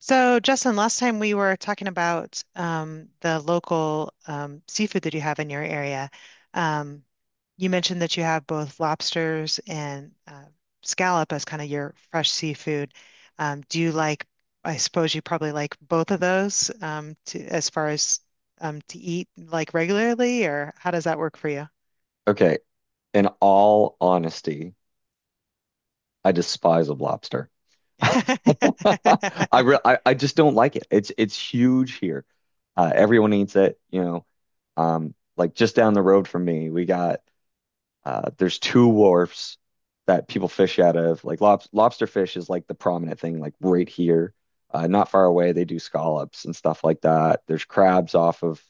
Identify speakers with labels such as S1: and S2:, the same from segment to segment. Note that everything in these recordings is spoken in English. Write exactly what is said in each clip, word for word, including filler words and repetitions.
S1: So, Justin, last time we were talking about um, the local um, seafood that you have in your area. Um, you mentioned that you have both lobsters and uh, scallop as kind of your fresh seafood. Um, do you like, I suppose you probably like both of those um, to, as far as um, to eat like regularly, or how does that work for you?
S2: Okay, in all honesty, I despise a lobster. I, re I I just don't like it. It's it's huge here. Uh, everyone eats it, you know. Um, like just down the road from me, we got uh, there's two wharfs that people fish out of. Like lob lobster fish is like the prominent thing, like right here, uh, not far away. They do scallops and stuff like that. There's crabs off of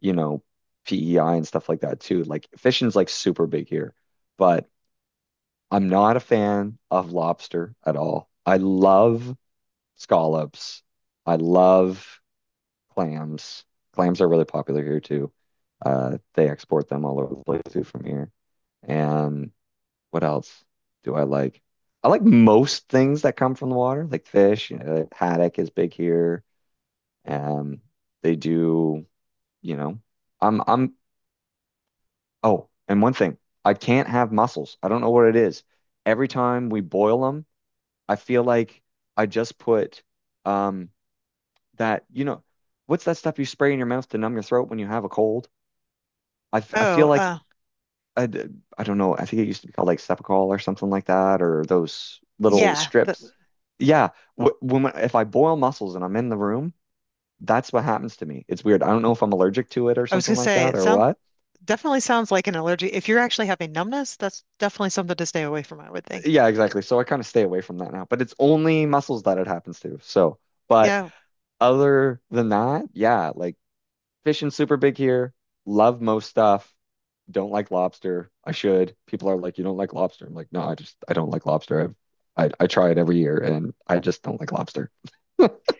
S2: you know P E I and stuff like that too. Like fishing's like super big here, but I'm not a fan of lobster at all. I love scallops. I love clams. Clams are really popular here too. Uh, they export them all over the place too from here. And what else do I like? I like most things that come from the water, like fish. You know, haddock is big here. Um, they do, you know, I'm, I'm, oh, and one thing, I can't have mussels. I don't know what it is. Every time we boil them, I feel like I just put um that, you know, what's that stuff you spray in your mouth to numb your throat when you have a cold? I, f- I
S1: Oh,
S2: feel like
S1: uh,
S2: I, d- I don't know. I think it used to be called like Cepacol or something like that, or those little
S1: yeah. the-
S2: strips. Yeah, wh- when I- if I boil mussels and I'm in the room, that's what happens to me. It's weird. I don't know if I'm allergic to it or
S1: I was
S2: something
S1: gonna
S2: like
S1: say
S2: that
S1: it
S2: or
S1: sounds.
S2: what.
S1: Definitely sounds like an allergy. If you're actually having numbness, that's definitely something to stay away from, I would think.
S2: Yeah, exactly. So I kind of stay away from that now. But it's only muscles that it happens to. So, but
S1: Yeah.
S2: other than that, yeah, like fishing super big here. Love most stuff. Don't like lobster. I should. People are like, you don't like lobster. I'm like, no, I just I don't like lobster. I I, I try it every year and I just don't like lobster.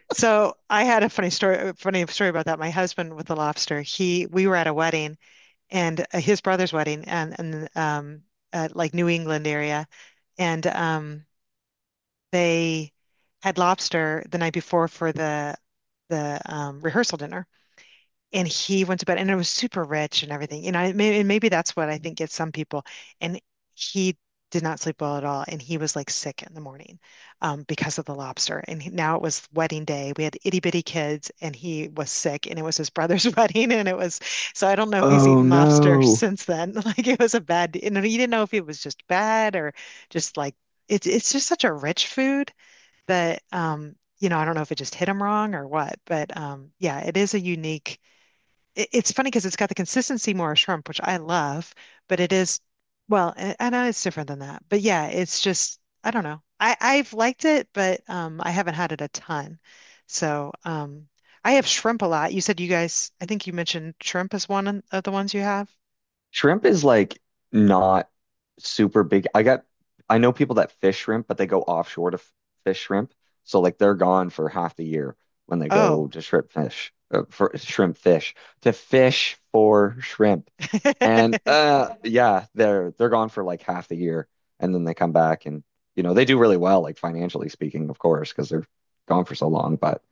S1: So I had a funny story, a funny story about that. My husband with the lobster, he, we were at a wedding and uh, his brother's wedding and, and, um, at like New England area. And, um, they had lobster the night before for the, the, um, rehearsal dinner. And he went to bed and it was super rich and everything. You know, and maybe, and maybe that's what I think gets some people. And he did not sleep well at all. And he was like sick in the morning um, because of the lobster. And he- now it was wedding day. We had itty bitty kids and he was sick and it was his brother's wedding. And it was, so I don't know if he's
S2: Oh
S1: eaten lobster
S2: no.
S1: since then. Like it was a bad, you know, you didn't know if it was just bad or just like, it's, it's just such a rich food that, um, you know, I don't know if it just hit him wrong or what, but um, yeah, it is a unique it- it's funny because it's got the consistency more of shrimp, which I love, but it is, well, I, I know it's different than that. But yeah, it's just, I don't know. I, I've liked it, but um, I haven't had it a ton. So um, I have shrimp a lot. You said you guys, I think you mentioned shrimp is one of the ones you have.
S2: Shrimp is like not super big. I got I know people that fish shrimp, but they go offshore to f fish shrimp. So like they're gone for half the year when they go
S1: Oh.
S2: to shrimp fish uh, for shrimp fish to fish for shrimp. And uh yeah, they're they're gone for like half the year and then they come back and you know, they do really well like financially speaking, of course, because they're gone for so long, but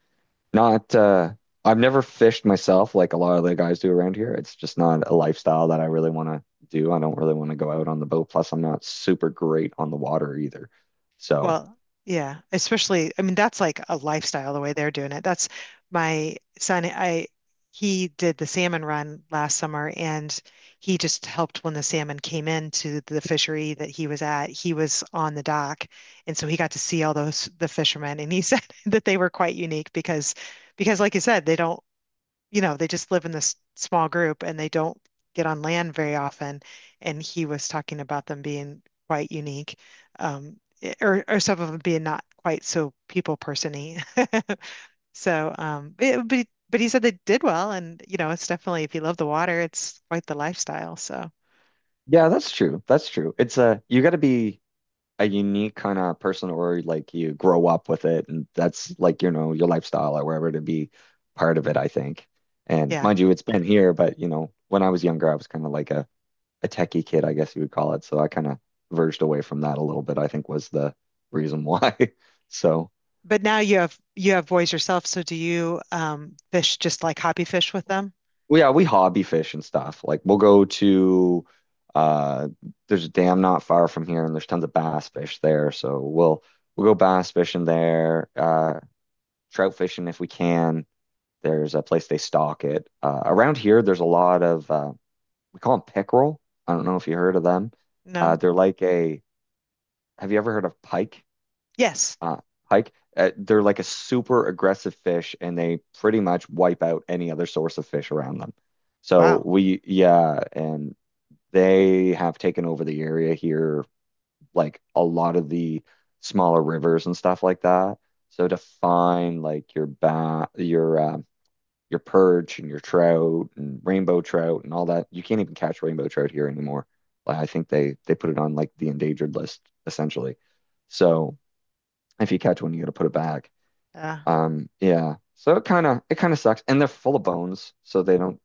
S2: not uh I've never fished myself like a lot of the guys do around here. It's just not a lifestyle that I really want to do. I don't really want to go out on the boat. Plus, I'm not super great on the water either. So,
S1: Well, yeah, especially, I mean, that's like a lifestyle the way they're doing it. That's my son. I He did the salmon run last summer and he just helped when the salmon came into the fishery that he was at. He was on the dock and so he got to see all those the fishermen and he said that they were quite unique because because like you said, they don't you know, they just live in this small group and they don't get on land very often. And he was talking about them being quite unique, um, i- or or some of them being not quite so people person-y. So, um, it, but but he said they did well, and you know, it's definitely if you love the water, it's quite the lifestyle. So,
S2: yeah, that's true. That's true. It's uh you got to be a unique kind of person, or like you grow up with it and that's like you know your lifestyle or wherever to be part of it I think, and
S1: yeah.
S2: mind you it's been here, but you know when I was younger I was kind of like a a techie kid I guess you would call it, so I kind of verged away from that a little bit, I think was the reason why. So
S1: But now you have you have boys yourself, so do you um, fish just like hobby fish with them?
S2: well, yeah, we hobby fish and stuff, like we'll go to uh there's a dam not far from here and there's tons of bass fish there, so we'll we'll go bass fishing there, uh trout fishing if we can. There's a place they stock it. Uh, around here, there's a lot of uh, we call them pickerel. I don't know if you heard of them.
S1: No?
S2: Uh, they're like a. Have you ever heard of pike?
S1: Yes.
S2: Uh, Pike. Uh, they're like a super aggressive fish, and they pretty much wipe out any other source of fish around them. So
S1: Wow.
S2: we, yeah, and they have taken over the area here, like a lot of the smaller rivers and stuff like that. So to find like your ba your uh, your perch and your trout and rainbow trout and all that. You can't even catch rainbow trout here anymore. Like, I think they they put it on like the endangered list essentially. So if you catch one, you got to put it back.
S1: Uh,
S2: Um, yeah. So it kind of it kind of sucks, and they're full of bones, so they don't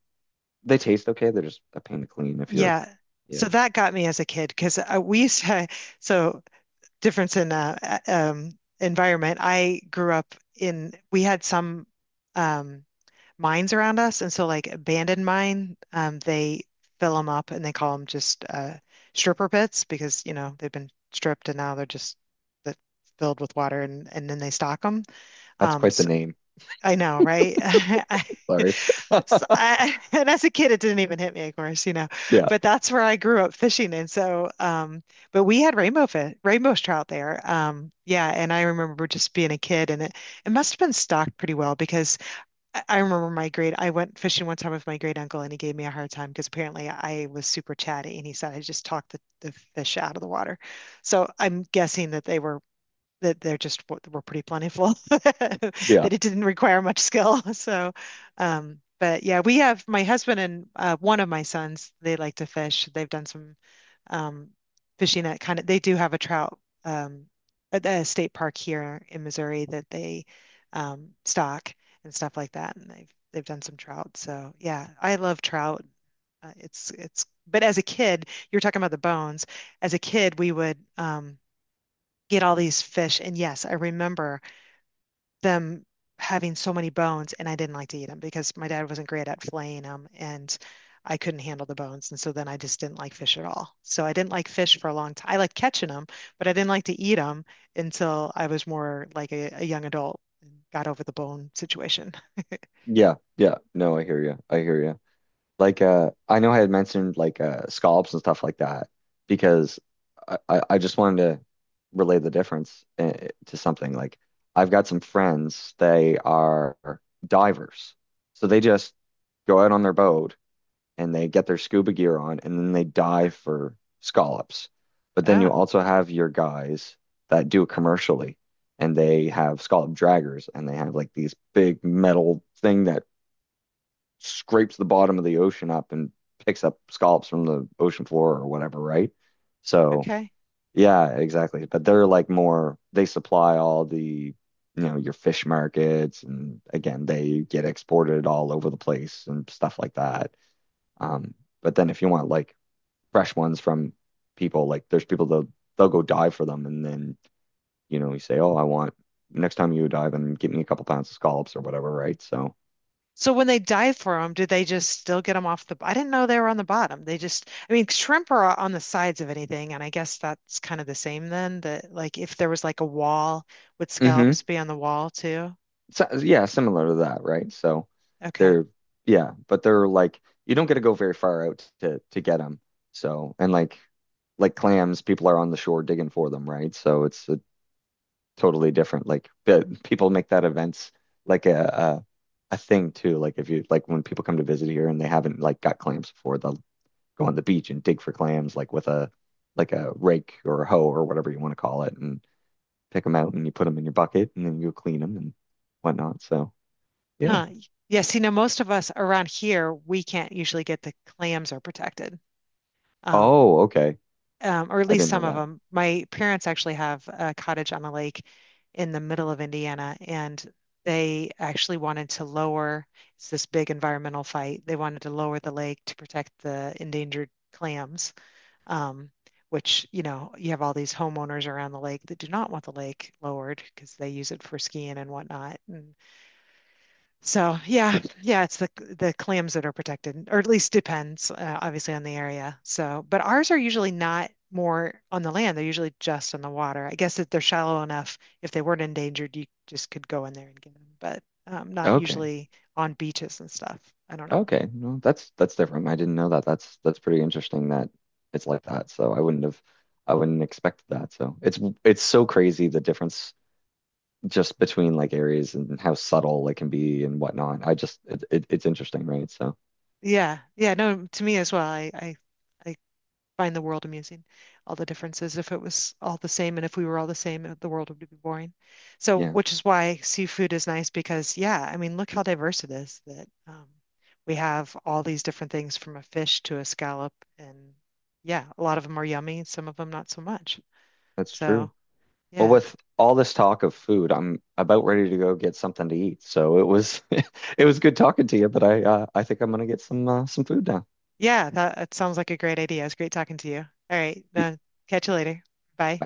S2: they taste okay. They're just a pain to clean if you're.
S1: Yeah.
S2: Yeah,
S1: So that got me as a kid because uh, we used to, so difference in uh, a- um, environment. I grew up in, we had some um, mines around us. And so, like, abandoned mine, um, they fill them up and they call them just uh, stripper pits because, you know, they've been stripped and now they're just that filled with water and, and then they stock them.
S2: that's quite the name.
S1: I know, right? I,
S2: Sorry.
S1: so I, and as a kid, it didn't even hit me, of course, you know.
S2: Yeah,
S1: But that's where I grew up fishing, and so, um, but we had rainbow fish, rainbow trout there. Um, yeah, and I remember just being a kid, and it it must have been stocked pretty well because I I remember my great. I went fishing one time with my great uncle, and he gave me a hard time because apparently I was super chatty, and he said I just talked the, the fish out of the water. So I'm guessing that they were that they're just were pretty plentiful, that
S2: yeah,
S1: it didn't require much skill. So, um, but yeah, we have my husband and uh, one of my sons, they like to fish. They've done some um, fishing at kind of, they do have a trout um, at the state park here in Missouri that they um, stock and stuff like that. And they've, they've done some trout. So yeah, I love trout. Uh, it's, it's, but as a kid, you were talking about the bones. As a kid, we would, um, get all these fish. And yes, I remember them having so many bones, and I didn't like to eat them because my dad wasn't great at filleting them, and I couldn't handle the bones. And so then I just didn't like fish at all. So I didn't like fish for a long time. I liked catching them, but I didn't like to eat them until I was more like a, a young adult and got over the bone situation.
S2: yeah, yeah. No, I hear you. I hear you. Like uh I know I had mentioned like uh scallops and stuff like that because I, I, I just wanted to relay the difference, uh, to something. Like I've got some friends, they are divers. So they just go out on their boat and they get their scuba gear on and then they dive for scallops. But then you
S1: Ah,
S2: also have your guys that do it commercially, and they have scallop draggers, and they have like these big metal thing that scrapes the bottom of the ocean up and picks up scallops from the ocean floor or whatever, right? So,
S1: okay.
S2: yeah, exactly. But they're like more, they supply all the, you know, your fish markets. And again, they get exported all over the place and stuff like that. Um, but then if you want like fresh ones from people, like there's people that they'll go dive for them. And then, you know, you say, oh, I want next time you dive and get me a couple pounds of scallops or whatever, right? So,
S1: So when they dive for them, do they just still get them off the? I didn't know they were on the bottom. They just, I mean, shrimp are on the sides of anything, and I guess that's kind of the same then. That like if there was like a wall, would
S2: hmm.
S1: scallops be on the wall too?
S2: So, yeah, similar to that, right? So
S1: Okay.
S2: they're yeah, but they're like you don't get to go very far out to to get them. So and like like clams, people are on the shore digging for them, right? So it's a totally different. Like the- people make that events like a, a a thing too. Like if you like when people come to visit here and they haven't like got clams before, they'll go on the beach and dig for clams like with a like a rake or a hoe or whatever you want to call it, and pick them out and you put them in your bucket and then you clean them and whatnot. So yeah.
S1: Huh. Yes. You know, most of us around here, we can't usually get the clams are protected. Um,
S2: Oh, okay.
S1: um, or at
S2: I
S1: least
S2: didn't know
S1: some of
S2: that.
S1: them. My parents actually have a cottage on a lake in the middle of Indiana, and they actually wanted to lower, it's this big environmental fight. They wanted to lower the lake to protect the endangered clams, um, which, you know, you have all these homeowners around the lake that do not want the lake lowered because they use it for skiing and whatnot. And so yeah, yeah, it's the the clams that are protected, or at least depends uh, obviously on the area. So, but ours are usually not more on the land; they're usually just on the water. I guess that they're shallow enough. If they weren't endangered, you just could go in there and get them, but um, not
S2: Okay.
S1: usually on beaches and stuff. I don't know.
S2: Okay. No, that's that's different. I didn't know that. That's that's pretty interesting that it's like that. So I wouldn't have I wouldn't expect that. So it's it's so crazy the difference just between like areas and how subtle it can be and whatnot. I just it, it it's interesting, right? So
S1: Yeah, yeah, no, to me as well. I I, I find the world amusing, all the differences. If it was all the same and if we were all the same, uh, the world would be boring. So,
S2: yeah,
S1: which is why seafood is nice because, yeah, I mean, look how diverse it is that um, we have all these different things from a fish to a scallop. And yeah, a lot of them are yummy, some of them not so much.
S2: that's
S1: So,
S2: true. Well,
S1: yeah.
S2: with all this talk of food, I'm about ready to go get something to eat. So it was it was good talking to you, but I uh, I think I'm gonna get some uh, some food now.
S1: Yeah, that, that sounds like a great idea. It was great talking to you. All right,
S2: You-
S1: uh, catch you later. Bye.